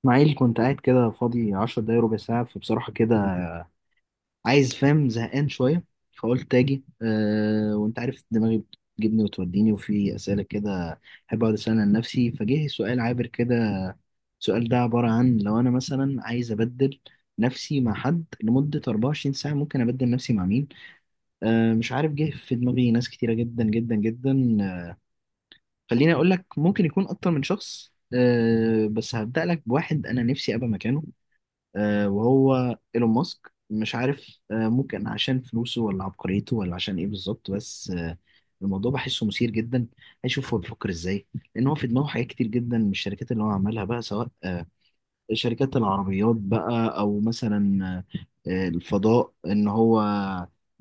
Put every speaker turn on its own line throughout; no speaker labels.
اسماعيل، كنت قاعد كده فاضي 10 دقايق ربع ساعة. فبصراحة كده عايز فاهم زهقان شوية، فقلت أجي. وأنت عارف دماغي بتجيبني وتوديني، وفي أسئلة كده أحب أقعد أسألها لنفسي. فجه سؤال عابر كده. السؤال ده عبارة عن: لو أنا مثلا عايز أبدل نفسي مع حد لمدة 24 ساعة، ممكن أبدل نفسي مع مين؟ مش عارف، جه في دماغي ناس كتيرة جدا جدا جدا. خليني أقول لك، ممكن يكون أكتر من شخص. بس هبدأ لك بواحد أنا نفسي أبقى مكانه. وهو ايلون ماسك. مش عارف، ممكن عشان فلوسه، ولا عبقريته، ولا عشان ايه بالظبط، بس الموضوع بحسه مثير جدا. هشوف هو بيفكر ازاي، لان هو في دماغه حاجات كتير جدا من الشركات اللي هو عملها بقى، سواء شركات العربيات بقى، او مثلا الفضاء. ان هو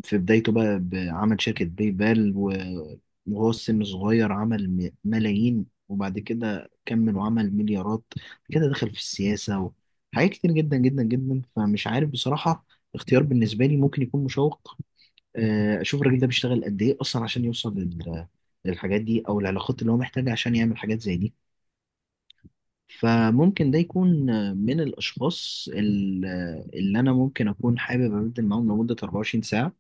في بدايته بقى عمل شركة بيبال، وهو السن صغير عمل ملايين، وبعد كده كمل وعمل مليارات كده. دخل في السياسة وحاجات كتير جدا جدا جدا. فمش عارف بصراحة، اختيار بالنسبة لي ممكن يكون مشوق. اشوف الراجل ده بيشتغل قد ايه اصلا عشان يوصل للحاجات دي، او العلاقات اللي هو محتاجها عشان يعمل حاجات زي دي. فممكن ده يكون من الأشخاص اللي أنا ممكن أكون حابب أبدل معاهم لمدة 24 ساعة.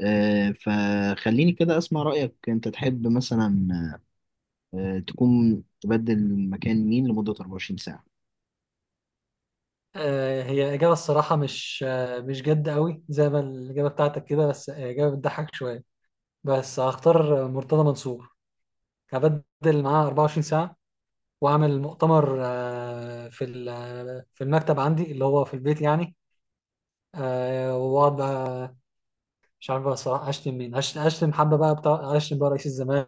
فخليني كده أسمع رأيك، أنت تحب مثلا تكون تبدل مكان مين لمدة 24 ساعة؟
هي إجابة الصراحة، مش مش جد قوي زي ما الإجابة بتاعتك كده، بس هي إجابة بتضحك شوية. بس هختار مرتضى منصور، هبدل معاه 24 ساعة وأعمل مؤتمر آه، في ال- آه، في المكتب عندي اللي هو في البيت يعني. وأقعد بقى، مش عارف بقى الصراحة أشتم مين. هشتم حبة بقى بتاع، أشتم بقى رئيس الزمان،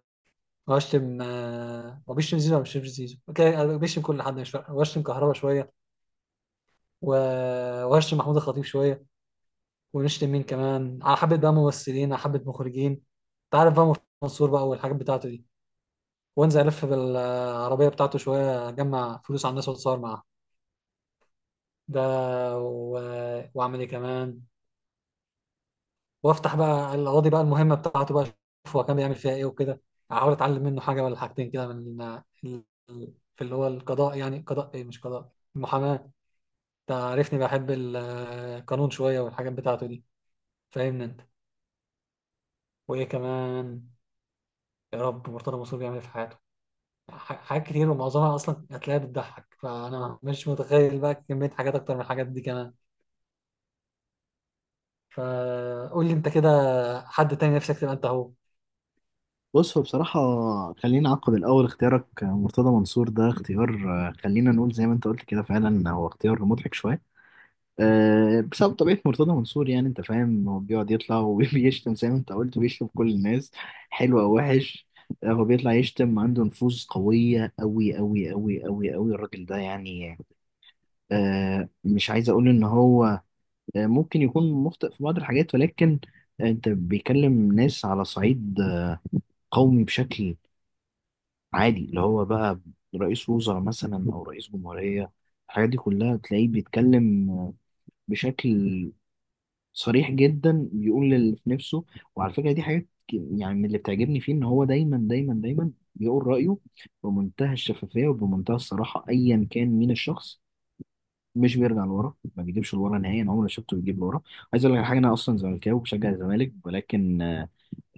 وأشتم، هو بيشتم زيزو ولا مش بيشتم زيزو؟ أوكي، أنا بيشتم كل حد مش فارقة، وأشتم كهربا شوية، وأشتم محمود الخطيب شوية، ونشتم مين كمان، على حبة بقى ممثلين، على حبة مخرجين. انت عارف بقى، منصور بقى والحاجات بتاعته دي. وانزل الف بالعربية بتاعته شوية، اجمع فلوس على الناس واتصور معاها ده، و... واعمل ايه كمان، وافتح بقى القواضي بقى المهمة بتاعته بقى، اشوف هو كان بيعمل فيها ايه وكده، احاول اتعلم منه حاجة ولا حاجتين كده ال... في اللي هو القضاء، يعني قضاء ايه مش قضاء المحاماة. تعرفني بحب القانون شوية والحاجات بتاعته دي، فاهمني انت. وايه كمان؟ يا رب، مرتضى منصور بيعمل ايه في حياته، حاجات كتير ومعظمها اصلا هتلاقيها بتضحك، فانا مش متخيل بقى كمية حاجات اكتر من الحاجات دي كمان. فقول لي انت كده، حد تاني نفسك تبقى انت هو.
بص، هو بصراحة خلينا أعقب الأول. اختيارك مرتضى منصور ده اختيار، خلينا نقول زي ما أنت قلت كده، فعلا هو اختيار مضحك شوية بسبب طبيعة مرتضى منصور. يعني انت فاهم، هو بيقعد يطلع وبيشتم زي ما انت قلت، وبيشتم كل الناس، حلو او وحش. هو بيطلع يشتم، عنده نفوذ قوية أوي أوي أوي أوي أوي الراجل ده يعني. مش عايز أقول إن هو ممكن يكون مخطئ في بعض الحاجات، ولكن أنت بيكلم ناس على صعيد قومي، بشكل عادي، اللي هو بقى رئيس وزراء مثلا أو رئيس جمهورية. الحاجات دي كلها تلاقيه بيتكلم بشكل صريح جدا، بيقول اللي في نفسه. وعلى فكره دي حاجات يعني من اللي بتعجبني فيه، ان هو دايما دايما دايما بيقول رايه بمنتهى الشفافيه وبمنتهى الصراحه، ايا كان مين الشخص. مش بيرجع لورا، ما بيجيبش لورا نهائيا، عمري ما شفته بيجيب لورا. عايز اقول لك على حاجه، انا اصلا زملكاوي وبشجع الزمالك، ولكن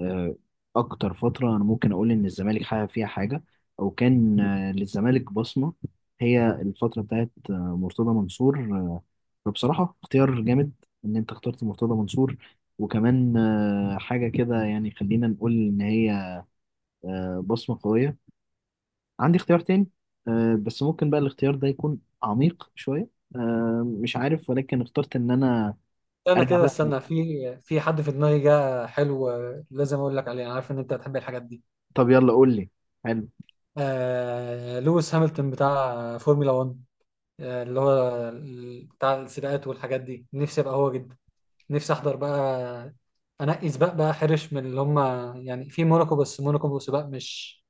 آه، اكتر فتره انا ممكن اقول ان الزمالك حقق فيها حاجه، او كان للزمالك بصمه، هي الفتره بتاعت مرتضى منصور. فبصراحه اختيار جامد ان انت اخترت مرتضى منصور، وكمان حاجه كده يعني. خلينا نقول ان هي بصمه قويه. عندي اختيار تاني، بس ممكن بقى الاختيار ده يكون عميق شويه. مش عارف، ولكن اخترت ان انا
انا
ارجع
كده
بقى.
استنى، في حد في دماغي جه حلو. لازم اقول لك عليه، انا عارف ان انت بتحب الحاجات دي.
طب يلا قول لي. حلو.
لويس هامilton بتاع فورمولا 1، اللي هو بتاع السباقات والحاجات دي، نفسي ابقى هو جدا. نفسي احضر بقى انقي سباق بقى حرش من اللي هم، يعني في موناكو، بس موناكو سباق مش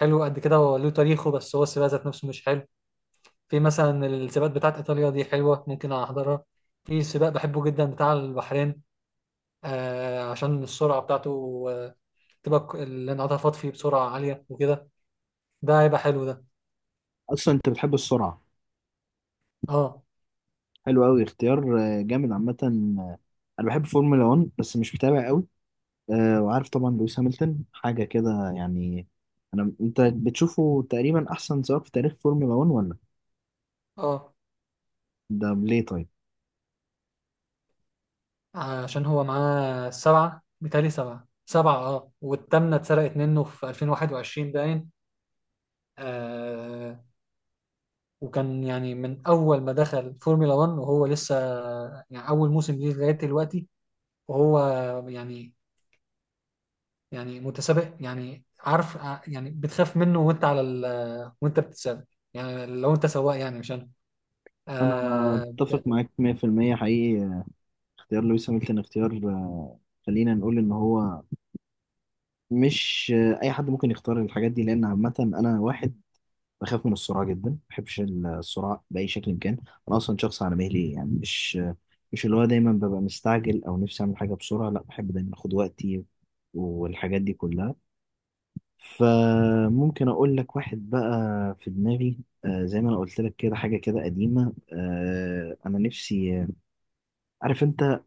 حلو قد كده، هو له تاريخه بس هو السباق ذات نفسه مش حلو. في مثلا السباقات بتاعت ايطاليا دي حلوه، ممكن احضرها. في سباق بحبه جدا بتاع البحرين، آه عشان السرعه بتاعته، تبقى الانعطافات فيه بسرعه عاليه وكده، ده هيبقى حلو ده.
اصلا انت بتحب السرعه؟
اه،
حلو قوي اختيار جامد عامة. أنا بحب فورمولا 1 بس مش متابع قوي. وعارف طبعا لويس هامilton، حاجة كده يعني. أنا، أنت بتشوفه تقريبا أحسن سواق في تاريخ فورمولا 1 ولا؟
اه.
ده ليه طيب؟
عشان هو معاه سبعه، بتهيألي سبعه، سبعه، اه، والتامنه اتسرقت منه في 2021 باين. آه، وكان يعني من أول ما دخل فورمولا 1 وهو لسه، يعني أول موسم ليه لغاية دلوقتي، وهو يعني يعني متسابق، يعني عارف، يعني بتخاف منه وأنت على ال وأنت بتتسابق، يعني لو أنت سواق، يعني مش أنا.
أنا
آه
أتفق معاك 100% حقيقي. اختيار لويس هامilton اختيار خلينا نقول إن هو مش أي حد ممكن يختار الحاجات دي. لأن عامة أنا واحد بخاف من الصراع جدا، ما بحبش الصراع بأي شكل كان. أنا أصلا شخص على مهلي، يعني مش اللي هو دايما ببقى مستعجل أو نفسي أعمل حاجة بسرعة. لا، بحب دايما أخد وقتي والحاجات دي كلها. فممكن أقول لك واحد بقى في دماغي. زي ما أنا قلت لك كده، حاجة كده قديمة. أنا نفسي عارف أنت،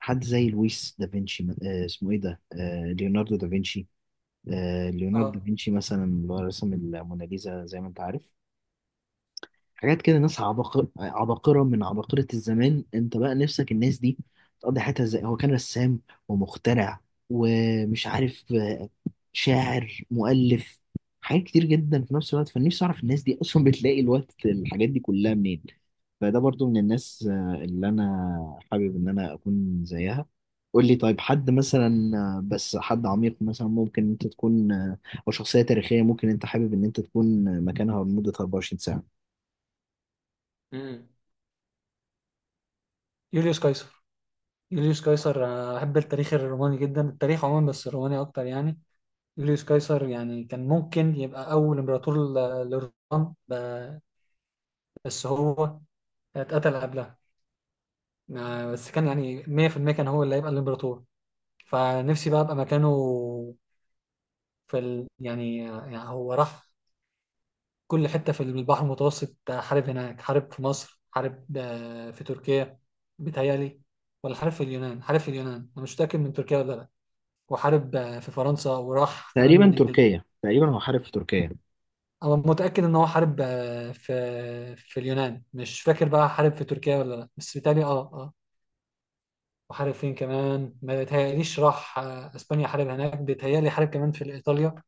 حد زي لويس دافنشي، اسمه إيه ده، ليوناردو دافنشي. ليوناردو
اه
دافنشي مثلا، اللي هو رسم الموناليزا زي ما أنت عارف، حاجات كده. ناس عباقرة عباقرة من عباقرة الزمان، انت بقى نفسك الناس دي تقضي حياتها ازاي. هو كان رسام ومخترع ومش عارف، شاعر، مؤلف، حاجات كتير جدا في نفس الوقت. فنفسي اعرف الناس دي اصلا بتلاقي الوقت الحاجات دي كلها منين. فده برضو من الناس اللي انا حابب ان انا اكون زيها. قول لي طيب، حد مثلا بس حد عميق مثلا ممكن انت تكون، او شخصية تاريخية، ممكن انت حابب ان انت تكون مكانها لمدة 24 ساعة؟
امم يوليوس قيصر. يوليوس قيصر، أحب التاريخ الروماني جدا، التاريخ عموما بس الروماني أكتر يعني. يوليوس قيصر يعني كان ممكن يبقى أول إمبراطور للرومان، بس هو اتقتل قبلها. بس كان يعني 100% كان هو اللي هيبقى الامبراطور، فنفسي بقى ابقى مكانه. يعني يعني هو راح كل حتة في البحر المتوسط، حارب هناك، حارب في مصر، حارب في تركيا بيتهيألي، ولا حارب في اليونان. حارب في اليونان، انا مش متأكد من تركيا ولا لا. وحارب في فرنسا، وراح كمان
تقريبا
انجلترا.
تركيا، تقريبا هو حارب في تركيا.
انا متأكد ان هو حارب في اليونان، مش فاكر بقى حارب في تركيا ولا لا، بس بيتهيألي وحارب فين كمان؟ ما بيتهيأليش، راح اسبانيا، حارب هناك بيتهيألي، حارب كمان في ايطاليا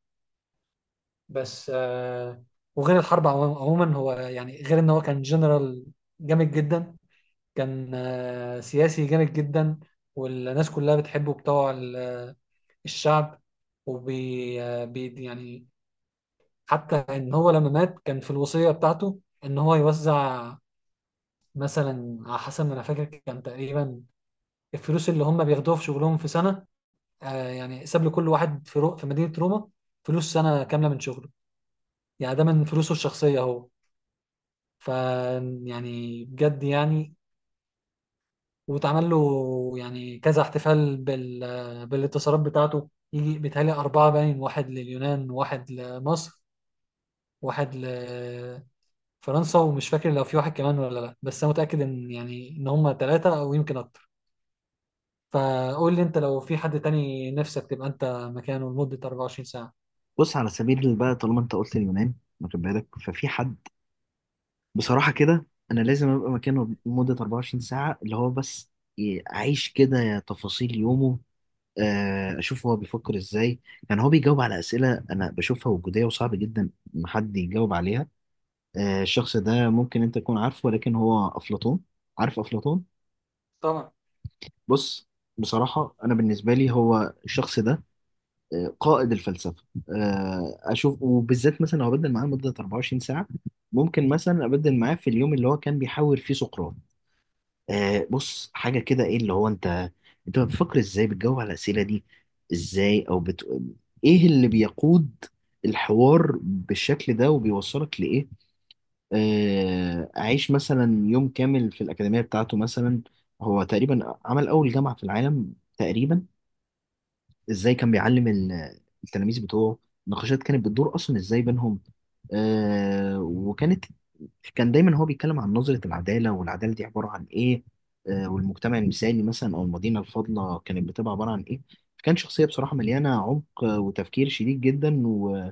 بس. وغير الحرب عموما، هو يعني غير ان هو كان جنرال جامد جدا، كان سياسي جامد جدا، والناس كلها بتحبه، بتوع الشعب. وبي آه، بي يعني حتى ان هو لما مات كان في الوصية بتاعته ان هو يوزع، مثلا على حسب ما انا فاكر كان تقريبا الفلوس اللي هم بياخدوها في شغلهم في سنة. آه يعني ساب لكل واحد في في مدينة روما فلوس سنة كاملة من شغله، يعني ده من فلوسه الشخصية هو. ف يعني بجد يعني. واتعمل له يعني كذا احتفال، بالاتصالات بتاعته، يجي بيتهيألي أربعة باين، واحد لليونان وواحد لمصر واحد لفرنسا، ومش فاكر لو في واحد كمان ولا لا، بس أنا متأكد إن، يعني إن هما ثلاثة أو يمكن أكتر. فقول لي أنت، لو في حد تاني نفسك تبقى أنت مكانه لمدة 24 ساعة.
بص، على سبيل بقى، طالما انت قلت اليونان، واخد بالك؟ ففي حد بصراحة كده انا لازم ابقى مكانه لمدة 24 ساعة، اللي هو بس اعيش كده تفاصيل يومه. اشوف هو بيفكر ازاي. كان هو بيجاوب على اسئلة انا بشوفها وجودية، وصعب جدا ان حد يجاوب عليها. الشخص ده ممكن انت تكون عارفه، ولكن هو افلاطون. عارف افلاطون؟
طبعا.
بص، بصراحة انا بالنسبة لي هو الشخص ده قائد الفلسفه. اشوف، وبالذات مثلا لو ابدل معاه لمده 24 ساعه، ممكن مثلا ابدل معاه في اليوم اللي هو كان بيحاور فيه سقراط. بص، حاجه كده: ايه اللي هو انت، انت بتفكر ازاي، بتجاوب على الاسئله دي ازاي، ايه اللي بيقود الحوار بالشكل ده، وبيوصلك لايه؟ اعيش مثلا يوم كامل في الاكاديميه بتاعته مثلا. هو تقريبا عمل اول جامعه في العالم تقريبا. ازاي كان بيعلم التلاميذ بتوعه؟ نقاشات كانت بتدور اصلا ازاي بينهم؟ آه وكانت كان دايما هو بيتكلم عن نظرة العدالة، والعدالة دي عبارة عن ايه؟ والمجتمع المثالي مثلا، او المدينة الفاضلة كانت بتبقى عبارة عن ايه؟ كان شخصية بصراحة مليانة عمق وتفكير شديد جدا،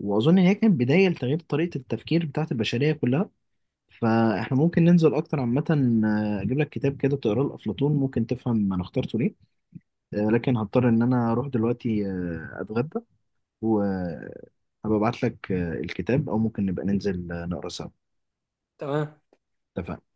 وأظن إن هي كانت بداية لتغيير طريقة التفكير بتاعت البشرية كلها. فإحنا ممكن ننزل أكتر عامة. أجيب لك كتاب كده تقراه لأفلاطون، ممكن تفهم أنا اخترته ليه. لكن هضطر ان انا اروح دلوقتي اتغدى، وهبقى ابعت لك الكتاب، او ممكن نبقى ننزل نقرا سوا.
تمام.
اتفقنا.